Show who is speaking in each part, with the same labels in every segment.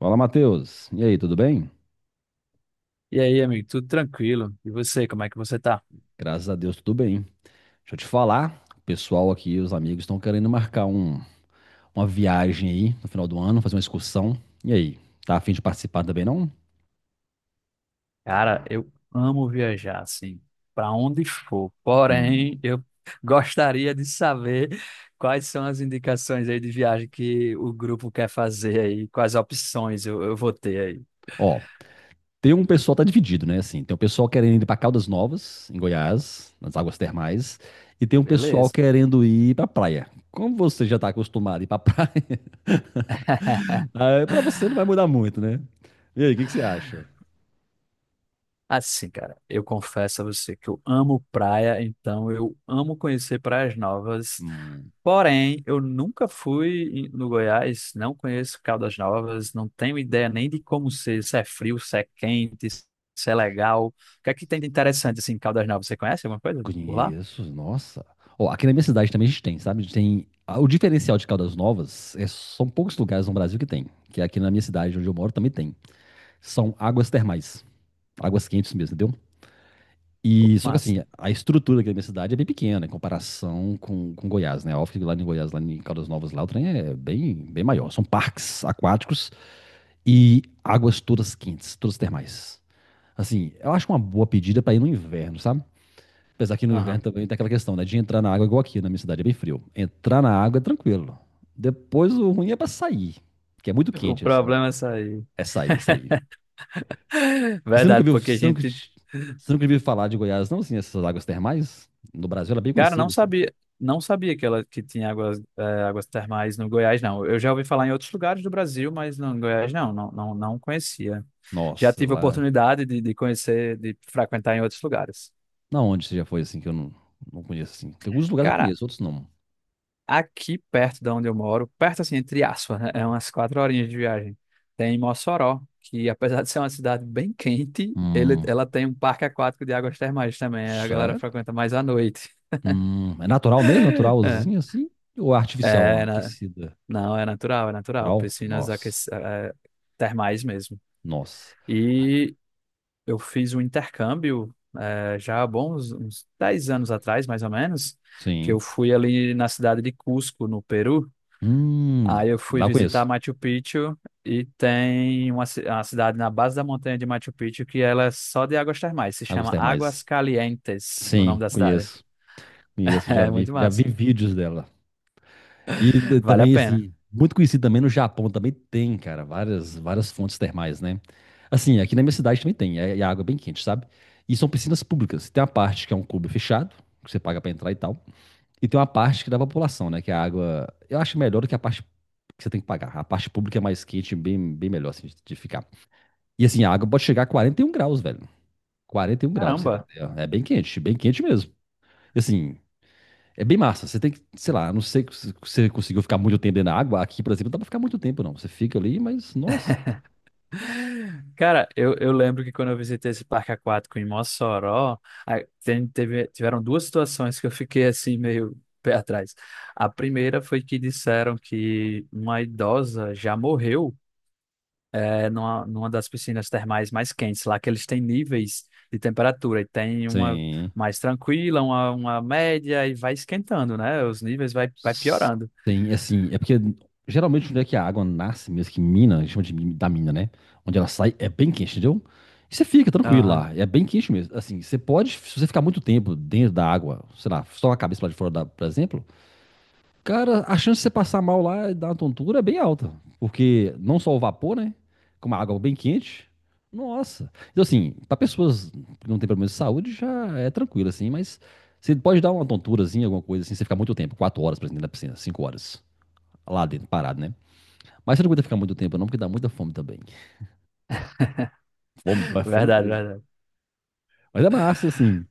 Speaker 1: Fala, Matheus. E aí, tudo bem?
Speaker 2: E aí, amigo, tudo tranquilo? E você, como é que você tá?
Speaker 1: Graças a Deus, tudo bem. Deixa eu te falar, o pessoal aqui, os amigos, estão querendo marcar uma viagem aí no final do ano, fazer uma excursão. E aí, tá a fim de participar também, não?
Speaker 2: Cara, eu amo viajar, assim, pra onde for.
Speaker 1: Hum.
Speaker 2: Porém, eu gostaria de saber quais são as indicações aí de viagem que o grupo quer fazer aí, quais opções eu vou ter aí,
Speaker 1: Ó, tem um pessoal, tá dividido, né? Assim, tem um pessoal querendo ir pra Caldas Novas, em Goiás, nas águas termais, e tem um pessoal
Speaker 2: beleza?
Speaker 1: querendo ir pra praia. Como você já tá acostumado a ir pra praia, ah, pra você não vai mudar muito, né? E aí, o que que você acha?
Speaker 2: Assim, cara, eu confesso a você que eu amo praia, então eu amo conhecer praias novas.
Speaker 1: Hum.
Speaker 2: Porém, eu nunca fui em- no Goiás, não conheço Caldas Novas, não tenho ideia nem de como ser, se é frio, se é quente, se é legal. O que é que tem de interessante assim em Caldas Novas? Você conhece alguma coisa por lá?
Speaker 1: Conheço, nossa. Ó, aqui na minha cidade também a gente tem, sabe? A gente tem. Ah, o diferencial de Caldas Novas são poucos lugares no Brasil que tem. Que é aqui na minha cidade, onde eu moro, também tem. São águas termais. Águas quentes mesmo, entendeu?
Speaker 2: Pô,
Speaker 1: E só que assim,
Speaker 2: massa.
Speaker 1: a estrutura aqui da minha cidade é bem pequena em comparação com Goiás, né? Óbvio que lá em Goiás, lá em Caldas Novas, lá o trem é bem, bem maior. São parques aquáticos e águas todas quentes, todas termais. Assim, eu acho uma boa pedida pra ir no inverno, sabe? Apesar que no inverno
Speaker 2: Aham.
Speaker 1: também tem aquela questão, né? De entrar na água igual aqui, na minha cidade é bem frio. Entrar na água é tranquilo. Depois o ruim é pra sair, que é muito
Speaker 2: O
Speaker 1: quente, assim.
Speaker 2: problema é sair.
Speaker 1: É sair, é sair. E você nunca
Speaker 2: Verdade,
Speaker 1: viu,
Speaker 2: porque
Speaker 1: você nunca, você nunca viu falar de Goiás, não, assim, essas águas termais? No Brasil ela é bem
Speaker 2: não
Speaker 1: conhecida, assim.
Speaker 2: sabia, não sabia que ela que tinha águas, águas termais no Goiás, não. Eu já ouvi falar em outros lugares do Brasil, mas no Goiás não conhecia. Já
Speaker 1: Nossa,
Speaker 2: tive a
Speaker 1: lá.
Speaker 2: oportunidade de conhecer, de frequentar em outros lugares.
Speaker 1: Na onde você já foi, assim, que eu não conheço, assim? Tem alguns lugares que eu
Speaker 2: Cara,
Speaker 1: conheço, outros não.
Speaker 2: aqui perto da onde eu moro, perto assim, entre aspas, né? É umas quatro horinhas de viagem. Tem Mossoró, que apesar de ser uma cidade bem quente,
Speaker 1: Hum,
Speaker 2: ela tem um parque aquático de águas termais também. A galera
Speaker 1: sério?
Speaker 2: frequenta mais à noite.
Speaker 1: É natural mesmo?
Speaker 2: É,
Speaker 1: Naturalzinho, assim? Ou é artificial, ó,
Speaker 2: é, na-
Speaker 1: aquecida?
Speaker 2: não, é natural, é natural.
Speaker 1: Natural? Nossa,
Speaker 2: Termais mesmo.
Speaker 1: nossa. Ah,
Speaker 2: E eu fiz um intercâmbio já há bons uns 10 anos atrás, mais ou menos, que eu
Speaker 1: sim.
Speaker 2: fui ali na cidade de Cusco, no Peru.
Speaker 1: Hum,
Speaker 2: Aí eu fui
Speaker 1: lá eu
Speaker 2: visitar
Speaker 1: conheço.
Speaker 2: Machu Picchu e tem uma cidade na base da montanha de Machu Picchu que ela é só de águas termais, se
Speaker 1: A
Speaker 2: chama
Speaker 1: Gostei mais.
Speaker 2: Águas Calientes, o nome
Speaker 1: Sim,
Speaker 2: da cidade.
Speaker 1: conheço. Conheço, já
Speaker 2: É
Speaker 1: vi,
Speaker 2: muito
Speaker 1: já
Speaker 2: massa,
Speaker 1: vi vídeos dela. E
Speaker 2: vale a
Speaker 1: também,
Speaker 2: pena.
Speaker 1: assim, muito conhecido também no Japão, também tem, cara, várias, várias fontes termais, né? Assim, aqui na minha cidade também tem, é água é bem quente, sabe? E são piscinas públicas. Tem uma parte que é um clube fechado, que você paga pra entrar e tal. E tem uma parte que dá pra população, né? Que é a água. Eu acho melhor do que a parte que você tem que pagar. A parte pública é mais quente, bem, bem melhor, assim, de ficar. E assim, a água pode chegar a 41 graus, velho. 41 graus, pra você ter
Speaker 2: Caramba!
Speaker 1: ideia. É bem quente mesmo. E assim, é bem massa. Você tem que, sei lá, não sei se você conseguiu ficar muito tempo dentro da água. Aqui, por exemplo, não dá pra ficar muito tempo, não. Você fica ali, mas, nossa.
Speaker 2: Cara, eu lembro que quando eu visitei esse parque aquático em Mossoró, a- tiveram duas situações que eu fiquei assim meio pé atrás. A primeira foi que disseram que uma idosa já morreu numa, numa das piscinas termais mais quentes, lá que eles têm níveis de temperatura, e tem uma
Speaker 1: Sim.
Speaker 2: mais tranquila, uma média, e vai esquentando, né? Os níveis vai piorando.
Speaker 1: Sim, assim, é porque geralmente onde é que a água nasce mesmo, que mina, a gente chama de da mina, né? Onde ela sai, é bem quente, entendeu? E você fica tranquilo
Speaker 2: Aham.
Speaker 1: lá, é bem quente mesmo. Assim, você pode, se você ficar muito tempo dentro da água, sei lá, só a cabeça lá de fora, da, por exemplo, cara, a chance de você passar mal lá e dar uma tontura é bem alta. Porque não só o vapor, né? Com a água bem quente. Nossa. Então, assim, para pessoas que não têm problema de saúde, já é tranquilo, assim, mas você pode dar uma tonturazinha, alguma coisa assim, você ficar muito tempo, 4 horas, por exemplo, na piscina, 5 horas. Lá dentro, parado, né? Mas você não aguenta ficar muito tempo, não, porque dá muita fome também. Fome, mas fome
Speaker 2: Verdade,
Speaker 1: mesmo.
Speaker 2: verdade.
Speaker 1: Mas é massa, assim.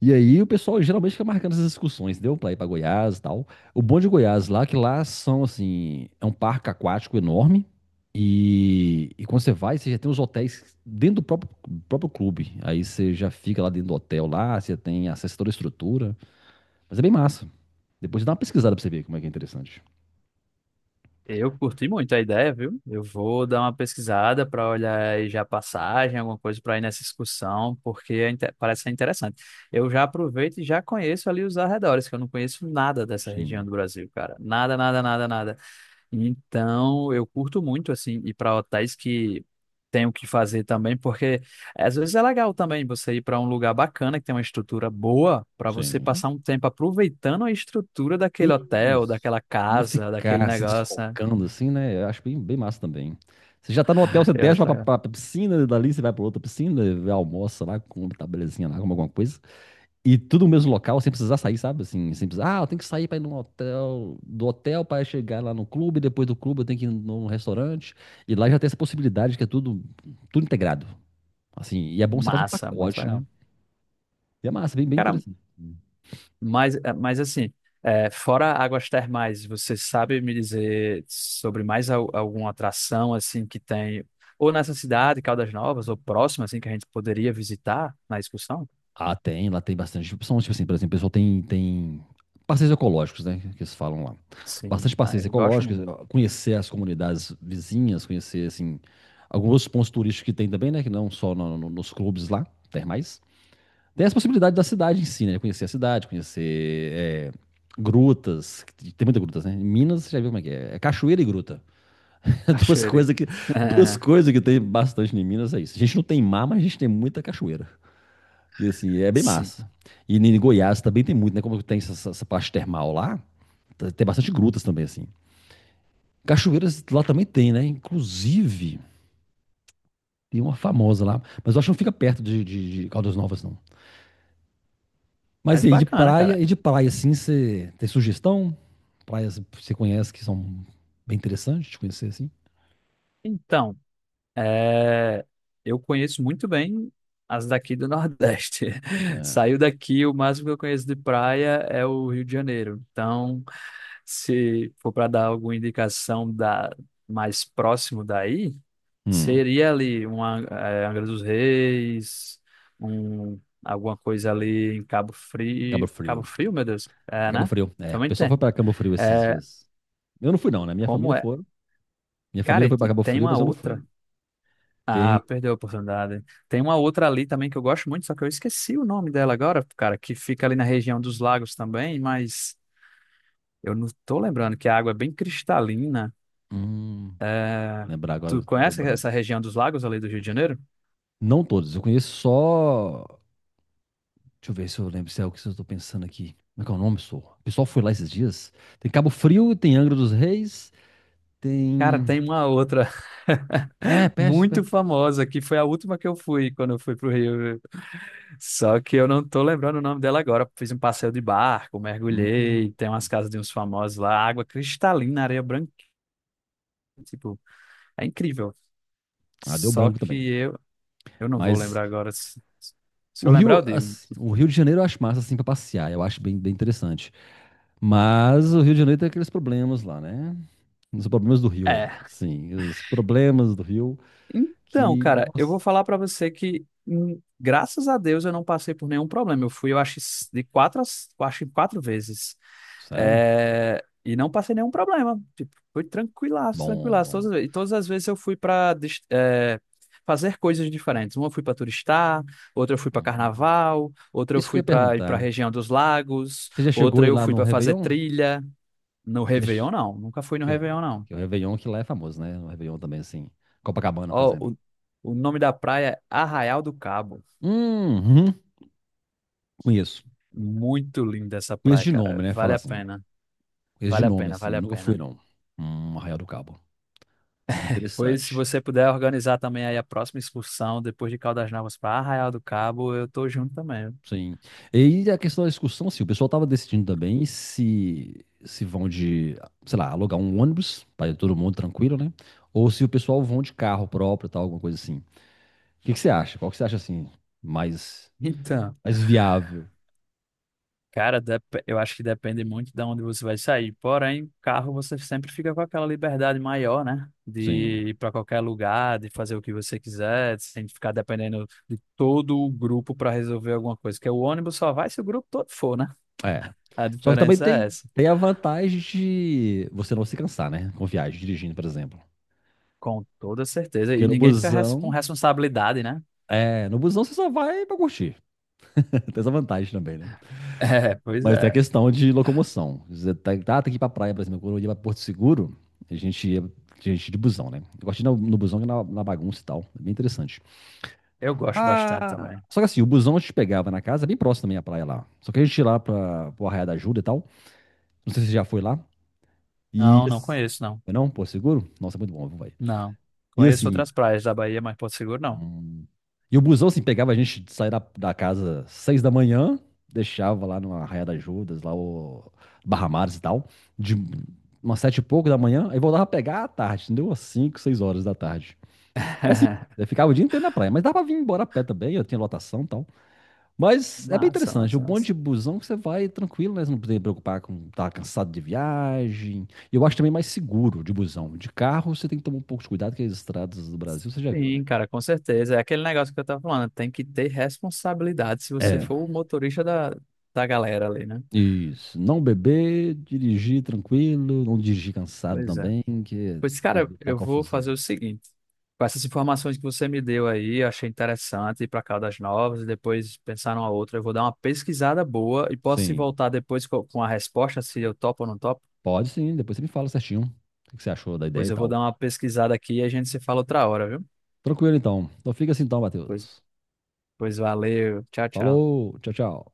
Speaker 1: E aí o pessoal geralmente fica marcando essas excursões, deu pra ir pra Goiás e tal. O bom de Goiás lá, é que lá são assim, é um parque aquático enorme. E quando você vai, você já tem os hotéis dentro do próprio clube. Aí você já fica lá dentro do hotel lá, você tem acesso a toda a estrutura. Mas é bem massa. Depois você dá uma pesquisada pra você ver como é que é interessante.
Speaker 2: Eu curti muito a ideia, viu? Eu vou dar uma pesquisada para olhar aí já a passagem, alguma coisa para ir nessa excursão, porque parece ser interessante. Eu já aproveito e já conheço ali os arredores, que eu não conheço nada dessa região
Speaker 1: Sim,
Speaker 2: do Brasil, cara. Nada, nada, nada, nada. Então, eu curto muito, assim, ir para hotéis que tem o que fazer também, porque às vezes é legal também você ir para um lugar bacana, que tem uma estrutura boa, para você
Speaker 1: sim.
Speaker 2: passar um tempo aproveitando a estrutura daquele hotel,
Speaker 1: Isso.
Speaker 2: daquela
Speaker 1: Não
Speaker 2: casa, daquele
Speaker 1: ficar se
Speaker 2: negócio, né?
Speaker 1: deslocando assim, né? Eu acho bem, bem massa também. Você já tá no hotel, você
Speaker 2: Eu
Speaker 1: desce pra,
Speaker 2: acho
Speaker 1: pra,
Speaker 2: legal.
Speaker 1: pra pra piscina, dali você vai pra outra piscina, almoça lá, come, tá belezinha lá, come alguma coisa. E tudo no mesmo local, sem precisar sair, sabe? Assim, sem precisar, ah, eu tenho que sair pra ir num hotel, do hotel pra chegar lá no clube, depois do clube eu tenho que ir num restaurante. E lá já tem essa possibilidade que é tudo, tudo integrado. Assim, e é bom que você fazer um
Speaker 2: Massa, muito
Speaker 1: pacote, né?
Speaker 2: legal.
Speaker 1: E é massa, bem, bem
Speaker 2: Cara,
Speaker 1: interessante.
Speaker 2: mas, mas assim, fora águas termais, você sabe me dizer sobre alguma atração assim que tem, ou nessa cidade, Caldas Novas, ou próxima, assim, que a gente poderia visitar na excursão?
Speaker 1: Ah, tem, lá tem bastante opção. Tipo assim, por exemplo, o pessoal tem passeios ecológicos, né? Que eles falam lá.
Speaker 2: Sim,
Speaker 1: Bastante
Speaker 2: ah,
Speaker 1: passeios
Speaker 2: eu gosto
Speaker 1: ecológicos,
Speaker 2: muito.
Speaker 1: conhecer as comunidades vizinhas, conhecer, assim, alguns pontos turísticos que tem também, né? Que não só nos clubes lá, termais. Tem as possibilidades da cidade em si, né? Conhecer a cidade, conhecer grutas. Que Tem muitas grutas, né? Em Minas, você já viu como é que é? É cachoeira e gruta. Duas
Speaker 2: Cachoeira.
Speaker 1: coisas que, duas coisas que tem bastante em Minas é isso. A gente não tem mar, mas a gente tem muita cachoeira. E assim, é bem
Speaker 2: Sim,
Speaker 1: massa. E em Goiás também tem muito, né? Como tem essa parte termal lá, tem bastante grutas também, assim. Cachoeiras lá também tem, né? Inclusive, tem uma famosa lá, mas eu acho que não fica perto de Caldas Novas, não. Mas
Speaker 2: mas
Speaker 1: e aí,
Speaker 2: bacana, cara.
Speaker 1: de praia, assim, você tem sugestão? Praias que você conhece que são bem interessantes de conhecer, assim?
Speaker 2: Então, eh, eu conheço muito bem as daqui do Nordeste. Saiu
Speaker 1: É.
Speaker 2: daqui, o máximo que eu conheço de praia é o Rio de Janeiro. Então, se for para dar alguma indicação da mais próximo daí,
Speaker 1: Hum,
Speaker 2: seria ali uma Angra dos Reis, um, alguma coisa ali em Cabo
Speaker 1: Cabo
Speaker 2: Frio, Cabo
Speaker 1: Frio.
Speaker 2: Frio, meu Deus,
Speaker 1: É
Speaker 2: é,
Speaker 1: Cabo
Speaker 2: né?
Speaker 1: Frio, é. O
Speaker 2: Também
Speaker 1: pessoal foi
Speaker 2: tem.
Speaker 1: pra Cabo Frio esses
Speaker 2: É,
Speaker 1: dias. Eu não fui, não, né? Minha família
Speaker 2: como é?
Speaker 1: foi. Minha
Speaker 2: Cara,
Speaker 1: família
Speaker 2: e
Speaker 1: foi pra Cabo
Speaker 2: tem
Speaker 1: Frio,
Speaker 2: uma
Speaker 1: mas eu não fui.
Speaker 2: outra.
Speaker 1: Tem.
Speaker 2: Ah, perdeu a oportunidade. Tem uma outra ali também que eu gosto muito, só que eu esqueci o nome dela agora, cara, que fica ali na região dos lagos também, mas eu não tô lembrando que a água é bem cristalina.
Speaker 1: Hum, lembrar agora
Speaker 2: Tu
Speaker 1: deu
Speaker 2: conhece essa
Speaker 1: branco.
Speaker 2: região dos lagos ali do Rio de Janeiro?
Speaker 1: Não todos, eu conheço só. Deixa eu ver se eu lembro se é o que eu tô pensando aqui. Como é que é o nome, sou? O pessoal foi lá esses dias. Tem Cabo Frio, tem Angra dos Reis,
Speaker 2: Cara,
Speaker 1: tem.
Speaker 2: tem uma outra
Speaker 1: É, perto,
Speaker 2: muito
Speaker 1: perto.
Speaker 2: famosa que foi a última que eu fui quando eu fui pro Rio. Só que eu não tô lembrando o nome dela agora. Fiz um passeio de barco,
Speaker 1: Hum,
Speaker 2: mergulhei, tem umas casas de uns famosos lá, água cristalina, areia branca, tipo, é incrível.
Speaker 1: ah, deu
Speaker 2: Só
Speaker 1: branco
Speaker 2: que
Speaker 1: também.
Speaker 2: eu não vou
Speaker 1: Mas
Speaker 2: lembrar agora. Se
Speaker 1: o
Speaker 2: eu lembrar,
Speaker 1: Rio,
Speaker 2: eu digo.
Speaker 1: assim, o Rio de Janeiro eu acho massa assim pra passear. Eu acho bem, bem interessante. Mas o Rio de Janeiro tem aqueles problemas lá, né? Os problemas do Rio.
Speaker 2: É.
Speaker 1: Sim, os problemas do Rio
Speaker 2: Então,
Speaker 1: que.
Speaker 2: cara, eu
Speaker 1: Nossa,
Speaker 2: vou falar pra você que, graças a Deus, eu não passei por nenhum problema. Eu fui, eu acho, eu acho que quatro vezes.
Speaker 1: sério?
Speaker 2: É, e não passei nenhum problema. Tipo, foi tranquilaço,
Speaker 1: Bom,
Speaker 2: tranquilaço.
Speaker 1: bom.
Speaker 2: Todas as vezes eu fui pra fazer coisas diferentes. Uma eu fui pra turistar, outra eu fui pra
Speaker 1: Hum.
Speaker 2: carnaval, outra eu
Speaker 1: Isso que eu
Speaker 2: fui
Speaker 1: ia
Speaker 2: pra ir pra
Speaker 1: perguntar.
Speaker 2: região dos lagos,
Speaker 1: Você já chegou
Speaker 2: outra
Speaker 1: aí
Speaker 2: eu
Speaker 1: lá
Speaker 2: fui
Speaker 1: no
Speaker 2: pra fazer
Speaker 1: Réveillon?
Speaker 2: trilha. No
Speaker 1: Você já
Speaker 2: Réveillon,
Speaker 1: che-
Speaker 2: não. Nunca fui no
Speaker 1: Que,
Speaker 2: Réveillon, não.
Speaker 1: que o Réveillon que lá é famoso, né? O Réveillon também, assim. Copacabana, por
Speaker 2: Ó,
Speaker 1: exemplo.
Speaker 2: o, o nome da praia é Arraial do Cabo.
Speaker 1: Hum, hum, conheço.
Speaker 2: Muito linda essa
Speaker 1: Conheço
Speaker 2: praia,
Speaker 1: de nome,
Speaker 2: cara.
Speaker 1: né? Falar
Speaker 2: Vale a
Speaker 1: assim.
Speaker 2: pena.
Speaker 1: Conheço de
Speaker 2: Vale a
Speaker 1: nome,
Speaker 2: pena, vale
Speaker 1: assim.
Speaker 2: a
Speaker 1: Nunca fui,
Speaker 2: pena.
Speaker 1: não. Arraial do Cabo. Muito
Speaker 2: Pois, se
Speaker 1: interessante.
Speaker 2: você puder organizar também aí a próxima excursão, depois de Caldas Novas para Arraial do Cabo, eu tô junto também, viu?
Speaker 1: Sim. E a questão da excursão, sim, o pessoal tava decidindo também se vão de, sei lá, alugar um ônibus para todo mundo tranquilo, né? Ou se o pessoal vão de carro próprio, tal, alguma coisa assim. O que que você acha? Qual que você acha assim mais
Speaker 2: Então,
Speaker 1: mais viável?
Speaker 2: cara, eu acho que depende muito de onde você vai sair. Porém, carro você sempre fica com aquela liberdade maior, né?
Speaker 1: Sim.
Speaker 2: De ir para qualquer lugar, de fazer o que você quiser, sem ficar dependendo de todo o grupo para resolver alguma coisa. Porque o ônibus só vai se o grupo todo for, né?
Speaker 1: É.
Speaker 2: A
Speaker 1: Só que também
Speaker 2: diferença é
Speaker 1: tem
Speaker 2: essa.
Speaker 1: tem a vantagem de você não se cansar, né? Com viagem, dirigindo, por exemplo.
Speaker 2: Com toda certeza. E
Speaker 1: Porque no
Speaker 2: ninguém fica com
Speaker 1: busão,
Speaker 2: responsabilidade, né?
Speaker 1: é, no busão você só vai pra curtir. Tem essa vantagem também, né?
Speaker 2: É, pois
Speaker 1: Mas tem a
Speaker 2: é.
Speaker 1: questão de locomoção. Você tem que ir pra praia, por exemplo. Quando eu ia pra Porto Seguro, a gente ia de busão, né? Eu gosto de ir no busão, que é na bagunça e tal. É bem interessante.
Speaker 2: Eu gosto bastante
Speaker 1: Ah,
Speaker 2: também.
Speaker 1: só que assim, o busão a gente pegava na casa, é bem próximo também à praia lá. Só que a gente ia lá pro Arraial da Ajuda e tal. Não sei se você já foi lá. E.
Speaker 2: Não, não
Speaker 1: assim,
Speaker 2: conheço, não.
Speaker 1: Não? Porto Seguro? Nossa, é muito bom, vai.
Speaker 2: Não.
Speaker 1: E
Speaker 2: Conheço
Speaker 1: assim,
Speaker 2: outras praias da Bahia, mas Porto Seguro não.
Speaker 1: Hum. E o busão, assim, pegava a gente de sair da casa 6 da manhã, deixava lá no Arraial das Judas, lá o Barra Mares e tal, de umas 7 e pouco da manhã, aí voltava a pegar à tarde, entendeu? Às 5, 6 horas da tarde. Mas, assim, eu ficava o dia inteiro na praia, mas dava pra vir embora a pé também, eu tinha lotação e tal. Mas é bem
Speaker 2: Massa,
Speaker 1: interessante, o
Speaker 2: massa,
Speaker 1: bonde
Speaker 2: massa.
Speaker 1: de busão é que você vai tranquilo, né? Você não precisa se preocupar com estar cansado de viagem. E eu acho também mais seguro de busão. De carro, você tem que tomar um pouco de cuidado, que as estradas do Brasil, você já viu, né?
Speaker 2: Sim, cara, com certeza. É aquele negócio que eu tava falando. Tem que ter responsabilidade se você
Speaker 1: É,
Speaker 2: for o motorista da galera ali, né?
Speaker 1: isso. Não beber, dirigir tranquilo, não dirigir cansado
Speaker 2: Pois é.
Speaker 1: também, que
Speaker 2: Pois,
Speaker 1: é
Speaker 2: cara,
Speaker 1: evitar
Speaker 2: eu vou fazer
Speaker 1: confusão.
Speaker 2: o seguinte. Com essas informações que você me deu aí, eu achei interessante ir para Caldas Novas e depois pensar numa outra. Eu vou dar uma pesquisada boa e posso se
Speaker 1: Sim,
Speaker 2: voltar depois com a resposta, se eu topo ou não topo.
Speaker 1: pode sim, depois você me fala certinho o que que você achou da ideia
Speaker 2: Pois
Speaker 1: e
Speaker 2: eu vou
Speaker 1: tal.
Speaker 2: dar uma pesquisada aqui e a gente se fala outra hora, viu?
Speaker 1: Tranquilo então. Então fica assim então,
Speaker 2: Pois,
Speaker 1: Matheus.
Speaker 2: pois valeu. Tchau, tchau.
Speaker 1: Falou, tchau, tchau.